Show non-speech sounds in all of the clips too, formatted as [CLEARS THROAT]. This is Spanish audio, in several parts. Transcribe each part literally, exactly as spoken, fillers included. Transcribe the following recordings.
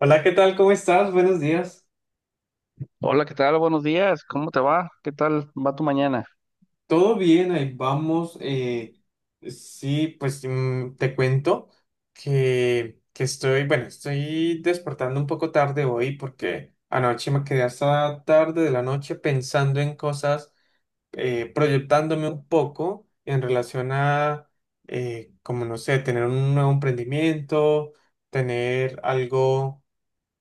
Hola, ¿qué tal? ¿Cómo estás? Buenos días. Hola, ¿qué tal? Buenos días. ¿Cómo te va? ¿Qué tal va tu mañana? ¿Todo bien? Ahí vamos. Eh, sí, pues mm, te cuento que, que estoy, bueno, estoy despertando un poco tarde hoy porque anoche me quedé hasta tarde de la noche pensando en cosas. Eh, proyectándome un poco en relación a, eh, como no sé, tener un nuevo emprendimiento, tener algo,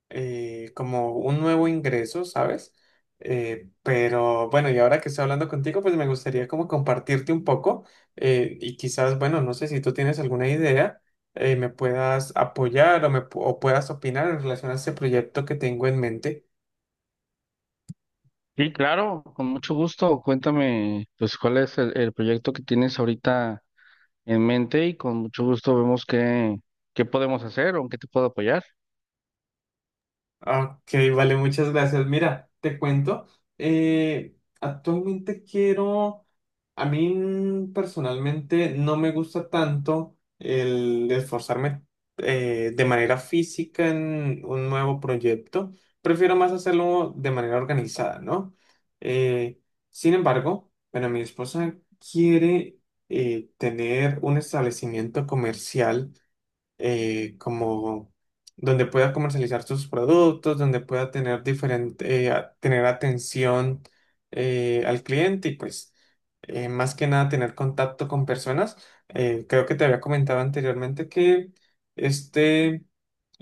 eh, como un nuevo ingreso, ¿sabes? Eh, pero bueno, y ahora que estoy hablando contigo, pues me gustaría como compartirte un poco, eh, y quizás, bueno, no sé si tú tienes alguna idea, eh, me puedas apoyar o, me, pu- o puedas opinar en relación a este proyecto que tengo en mente. Sí, claro, con mucho gusto. Cuéntame, pues, cuál es el, el proyecto que tienes ahorita en mente y con mucho gusto vemos qué, qué podemos hacer o en qué te puedo apoyar. Ok, vale, muchas gracias. Mira, te cuento, eh, actualmente quiero, a mí mm, personalmente no me gusta tanto el esforzarme, eh, de manera física en un nuevo proyecto, prefiero más hacerlo de manera organizada, ¿no? Eh, Sin embargo, bueno, mi esposa quiere eh, tener un establecimiento comercial, eh, como donde pueda comercializar sus productos, donde pueda tener diferente, eh, a- tener atención eh, al cliente y pues eh, más que nada tener contacto con personas. Eh, creo que te había comentado anteriormente que este,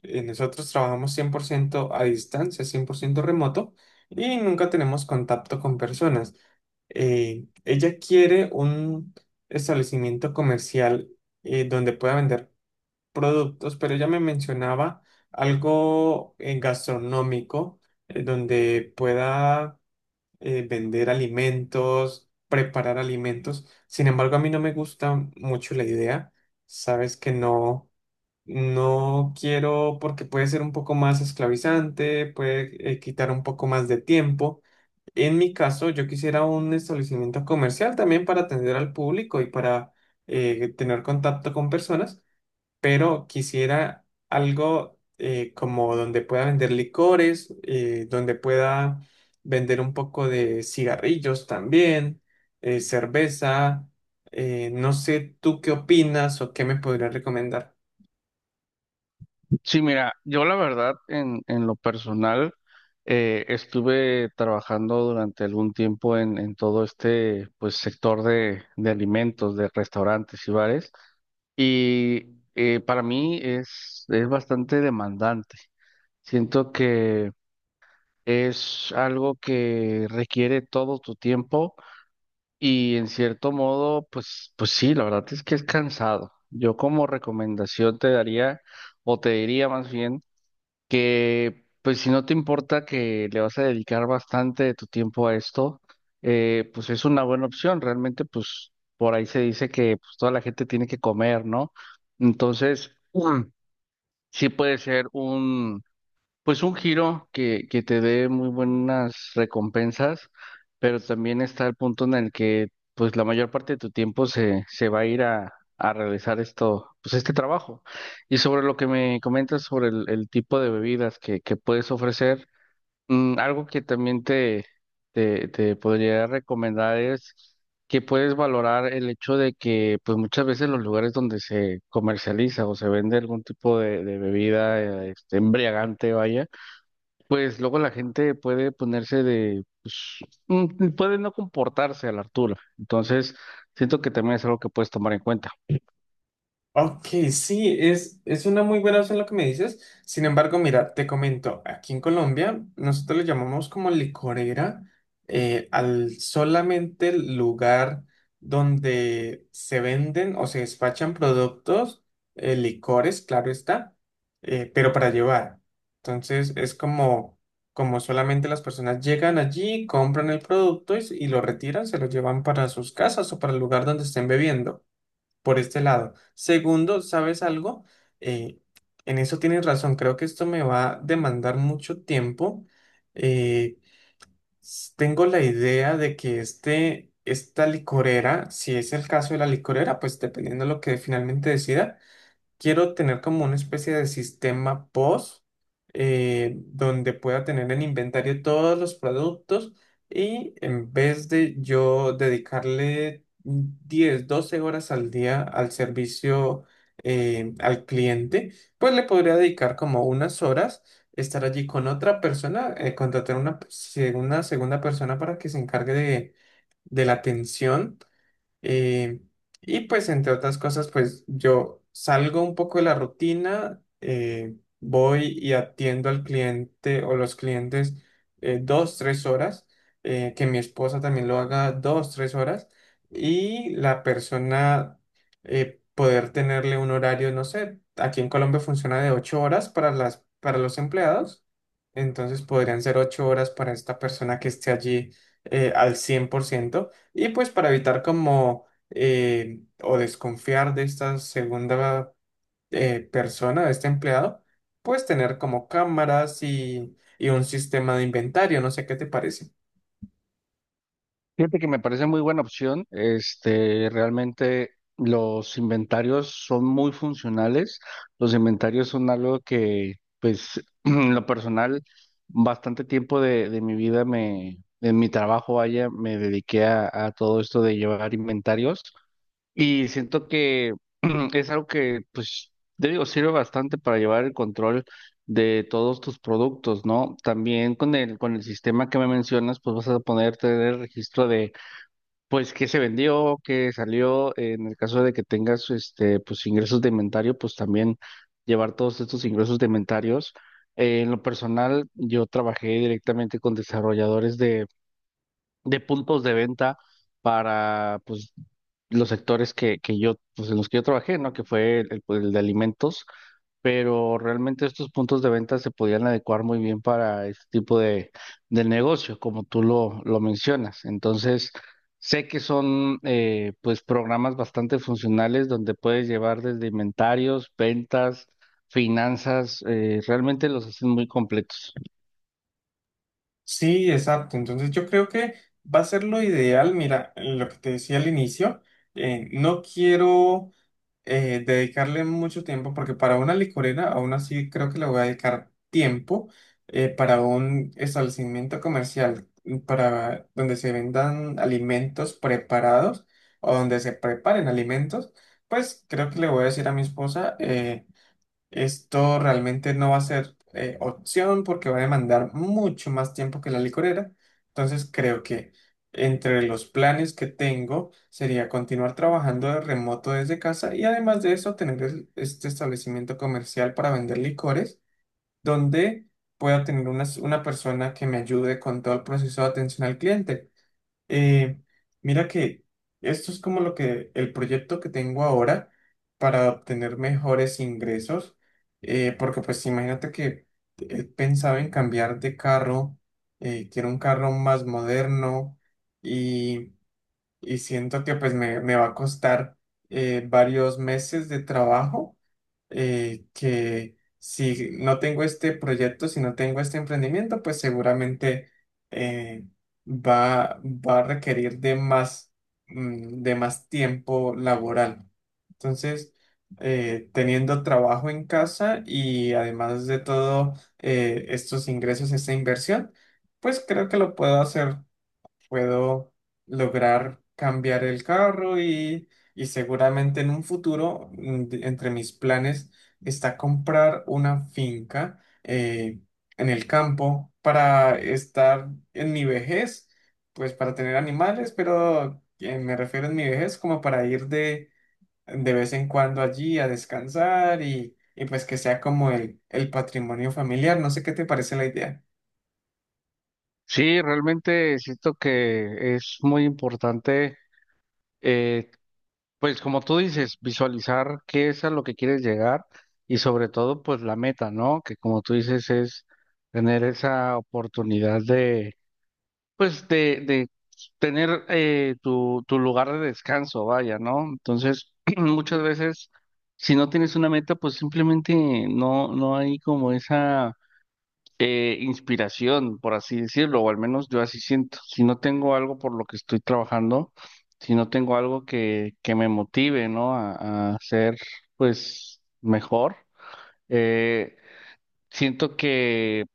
eh, nosotros trabajamos cien por ciento a distancia, cien por ciento remoto y nunca tenemos contacto con personas. Eh, ella quiere un establecimiento comercial eh, donde pueda vender productos, pero ella me mencionaba algo eh, gastronómico, eh, donde pueda eh, vender alimentos, preparar alimentos. Sin embargo, a mí no me gusta mucho la idea. Sabes que no, no quiero porque puede ser un poco más esclavizante, puede eh, quitar un poco más de tiempo. En mi caso, yo quisiera un establecimiento comercial también para atender al público y para eh, tener contacto con personas, pero quisiera algo, eh, como donde pueda vender licores, eh, donde pueda vender un poco de cigarrillos también, eh, cerveza, eh, no sé tú qué opinas o qué me podrías recomendar. Sí, mira, yo la verdad, en, en lo personal, eh, estuve trabajando durante algún tiempo en, en todo este, pues, sector de, de alimentos, de restaurantes y bares. Y eh, para mí es, es bastante demandante. Siento que es algo que requiere todo tu tiempo y en cierto modo, pues, pues sí, la verdad es que es cansado. Yo como recomendación te daría, o te diría más bien, que pues si no te importa que le vas a dedicar bastante de tu tiempo a esto, eh, pues es una buena opción. Realmente pues por ahí se dice que pues, toda la gente tiene que comer, ¿no? Entonces, [CLEARS THROAT] Mm. sí puede ser pues un giro que, que te dé muy buenas recompensas, pero también está el punto en el que pues la mayor parte de tu tiempo se, se va a ir a, a realizar esto, pues este trabajo. Y sobre lo que me comentas sobre el, el tipo de bebidas que, que puedes ofrecer, mm, algo que también te, te, te podría recomendar es que puedes valorar el hecho de que pues muchas veces los lugares donde se comercializa o se vende algún tipo de, de bebida eh, este, embriagante, vaya, pues luego la gente puede ponerse de, pues, mm, puede no comportarse a la altura. Entonces, siento que también es algo que puedes tomar en cuenta. Ok, sí, es, es una muy buena opción lo que me dices. Sin embargo, mira, te comento, aquí en Colombia nosotros le llamamos como licorera, eh, al solamente el lugar donde se venden o se despachan productos, eh, licores, claro está, eh, pero para llevar. Entonces es como, como, solamente las personas llegan allí, compran el producto y, s- y lo retiran, se lo llevan para sus casas o para el lugar donde estén bebiendo por este lado. Segundo, ¿sabes algo? Eh, en eso tienes razón, creo que esto me va a demandar mucho tiempo. Eh, s- Tengo la idea de que este, esta licorera, si es el caso de la licorera, pues dependiendo de lo que finalmente decida, quiero tener como una especie de sistema P O S, eh, donde pueda tener en inventario todos los productos y en vez de yo dedicarle diez doce horas al día al servicio, eh, al cliente, pues le podría dedicar como unas horas. Estar allí con otra persona, eh, contratar una, se- una segunda persona para que se encargue de, de la atención, eh, y pues entre otras cosas, pues yo salgo un poco de la rutina, eh, voy y atiendo al cliente o los clientes eh, dos, tres horas, eh, que mi esposa también lo haga dos, tres horas, y la persona eh, poder tenerle un horario, no sé, aquí en Colombia funciona de ocho horas para las, para los empleados, entonces podrían ser ocho horas para esta persona que esté allí eh, al cien por ciento, y pues para evitar como eh, o desconfiar de esta segunda eh, persona, de este empleado, pues tener como cámaras y, y un sistema de inventario, no sé qué te parece. Fíjate que me parece muy buena opción. Este, realmente los inventarios son muy funcionales. Los inventarios son algo que, pues, [CLEARS THROAT] en lo personal, bastante tiempo de, de mi vida me, en mi trabajo, vaya, me dediqué a a todo esto de llevar inventarios. Y siento que es algo que, pues, te digo, sirve bastante para llevar el control de todos tus productos, ¿no? También con el, con el sistema que me mencionas, pues vas a poder tener registro de, pues, qué se vendió, qué salió. En el caso de que tengas, este, pues, ingresos de inventario, pues también llevar todos estos ingresos de inventarios. Eh, en lo personal, yo trabajé directamente con desarrolladores de puntos de venta para pues los sectores que, que yo, pues en los que yo trabajé, ¿no? Que fue el, el, pues, el de alimentos, pero realmente estos puntos de venta se podían adecuar muy bien para este tipo de, de negocio, como tú lo, lo mencionas. Entonces, sé que son eh, pues programas bastante funcionales donde puedes llevar desde inventarios, ventas, finanzas, eh, realmente los hacen muy completos. Sí, exacto. Entonces yo creo que va a ser lo ideal. Mira, lo que te decía al inicio, eh, no quiero eh, dedicarle mucho tiempo, porque para una licorera aún así creo que le voy a dedicar tiempo, eh, para un establecimiento comercial, mm, para donde se vendan alimentos preparados o donde se preparen alimentos, pues creo que le voy a decir a mi esposa eh, esto realmente no va a ser eh, opción porque va a demandar mucho más tiempo que la licorera. Entonces creo que entre los planes que tengo sería continuar trabajando de remoto desde casa y además de eso tener el- este establecimiento comercial para vender licores donde pueda tener una una persona que me ayude con todo el proceso de atención al cliente. Eh, Mira que esto es como lo que el proyecto que tengo ahora para obtener mejores ingresos, eh, porque pues imagínate que he pensado en cambiar de carro, eh, quiero un carro más moderno y, y siento que pues me, me va a costar eh, varios meses de trabajo, eh, que si no tengo este proyecto, si no tengo este emprendimiento, pues seguramente eh, va, va a requerir de más, mm, de más tiempo laboral. Entonces, eh, teniendo trabajo en casa y además de todo eh, estos ingresos, esta inversión, pues creo que lo puedo hacer. Puedo lograr cambiar el carro y, y seguramente en un futuro, mm, de- entre mis planes, está comprar una finca eh, en el campo para estar en mi vejez, pues para tener animales, pero eh, me refiero en mi vejez como para ir de, de vez en cuando allí a descansar y, y pues que sea como el, el patrimonio familiar. No sé qué te parece la idea. Sí, realmente siento que es muy importante. Eh, pues como tú dices, visualizar qué es a lo que quieres llegar y sobre todo pues la meta, ¿no? Que como tú dices es tener esa oportunidad de pues de, de tener eh, tu, tu lugar de descanso, vaya, ¿no? Entonces [CLEARS THROAT] muchas veces si no tienes una meta pues simplemente no, no hay como esa eh, inspiración, por así decirlo, o al menos yo así siento. Si no tengo algo por lo que estoy trabajando, si no tengo algo que, que me motive, ¿no? A, a ser, pues, mejor, eh, siento que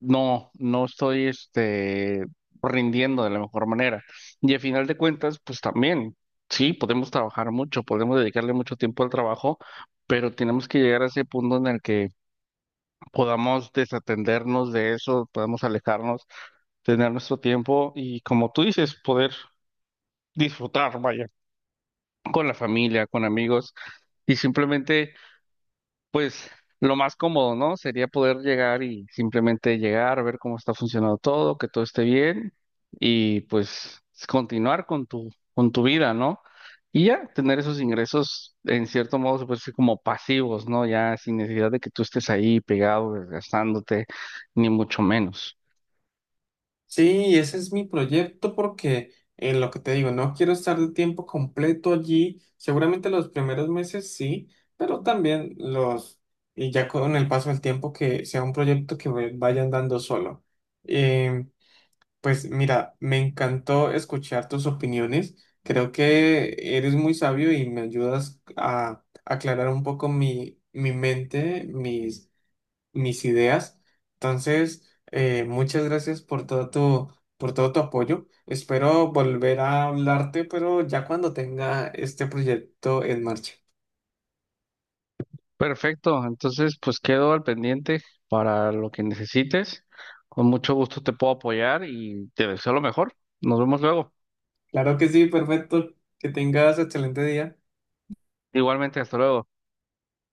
no, no estoy, este, rindiendo de la mejor manera. Y al final de cuentas, pues también, sí, podemos trabajar mucho, podemos dedicarle mucho tiempo al trabajo, pero tenemos que llegar a ese punto en el que podamos desatendernos de eso, podamos alejarnos, tener nuestro tiempo y, como tú dices, poder disfrutar, vaya, con la familia, con amigos y simplemente, pues, lo más cómodo, ¿no? Sería poder llegar y simplemente llegar, ver cómo está funcionando todo, que todo esté bien y, pues, continuar con tu, con tu vida, ¿no? Y ya tener esos ingresos, en cierto modo, se puede decir como pasivos, ¿no? Ya sin necesidad de que tú estés ahí pegado, desgastándote, ni mucho menos. Sí, ese es mi proyecto porque en lo que te digo, no quiero estar el tiempo completo allí. Seguramente los primeros meses sí, pero también los, y ya con el paso del tiempo que sea un proyecto que ve- vaya andando solo. Em, pues mira, me encantó escuchar tus opiniones. Creo que eres muy sabio y me ayudas a aclarar un poco mi, mi mente, mis mis ideas. Entonces, eh, muchas gracias por todo tu, por todo tu apoyo. Espero volver a hablarte, pero ya cuando tenga este proyecto en marcha. Perfecto, entonces pues quedo al pendiente para lo que necesites. Con mucho gusto te puedo apoyar y te deseo lo mejor. Nos vemos luego. Claro que sí, perfecto. Que tengas excelente día. Igualmente, hasta luego.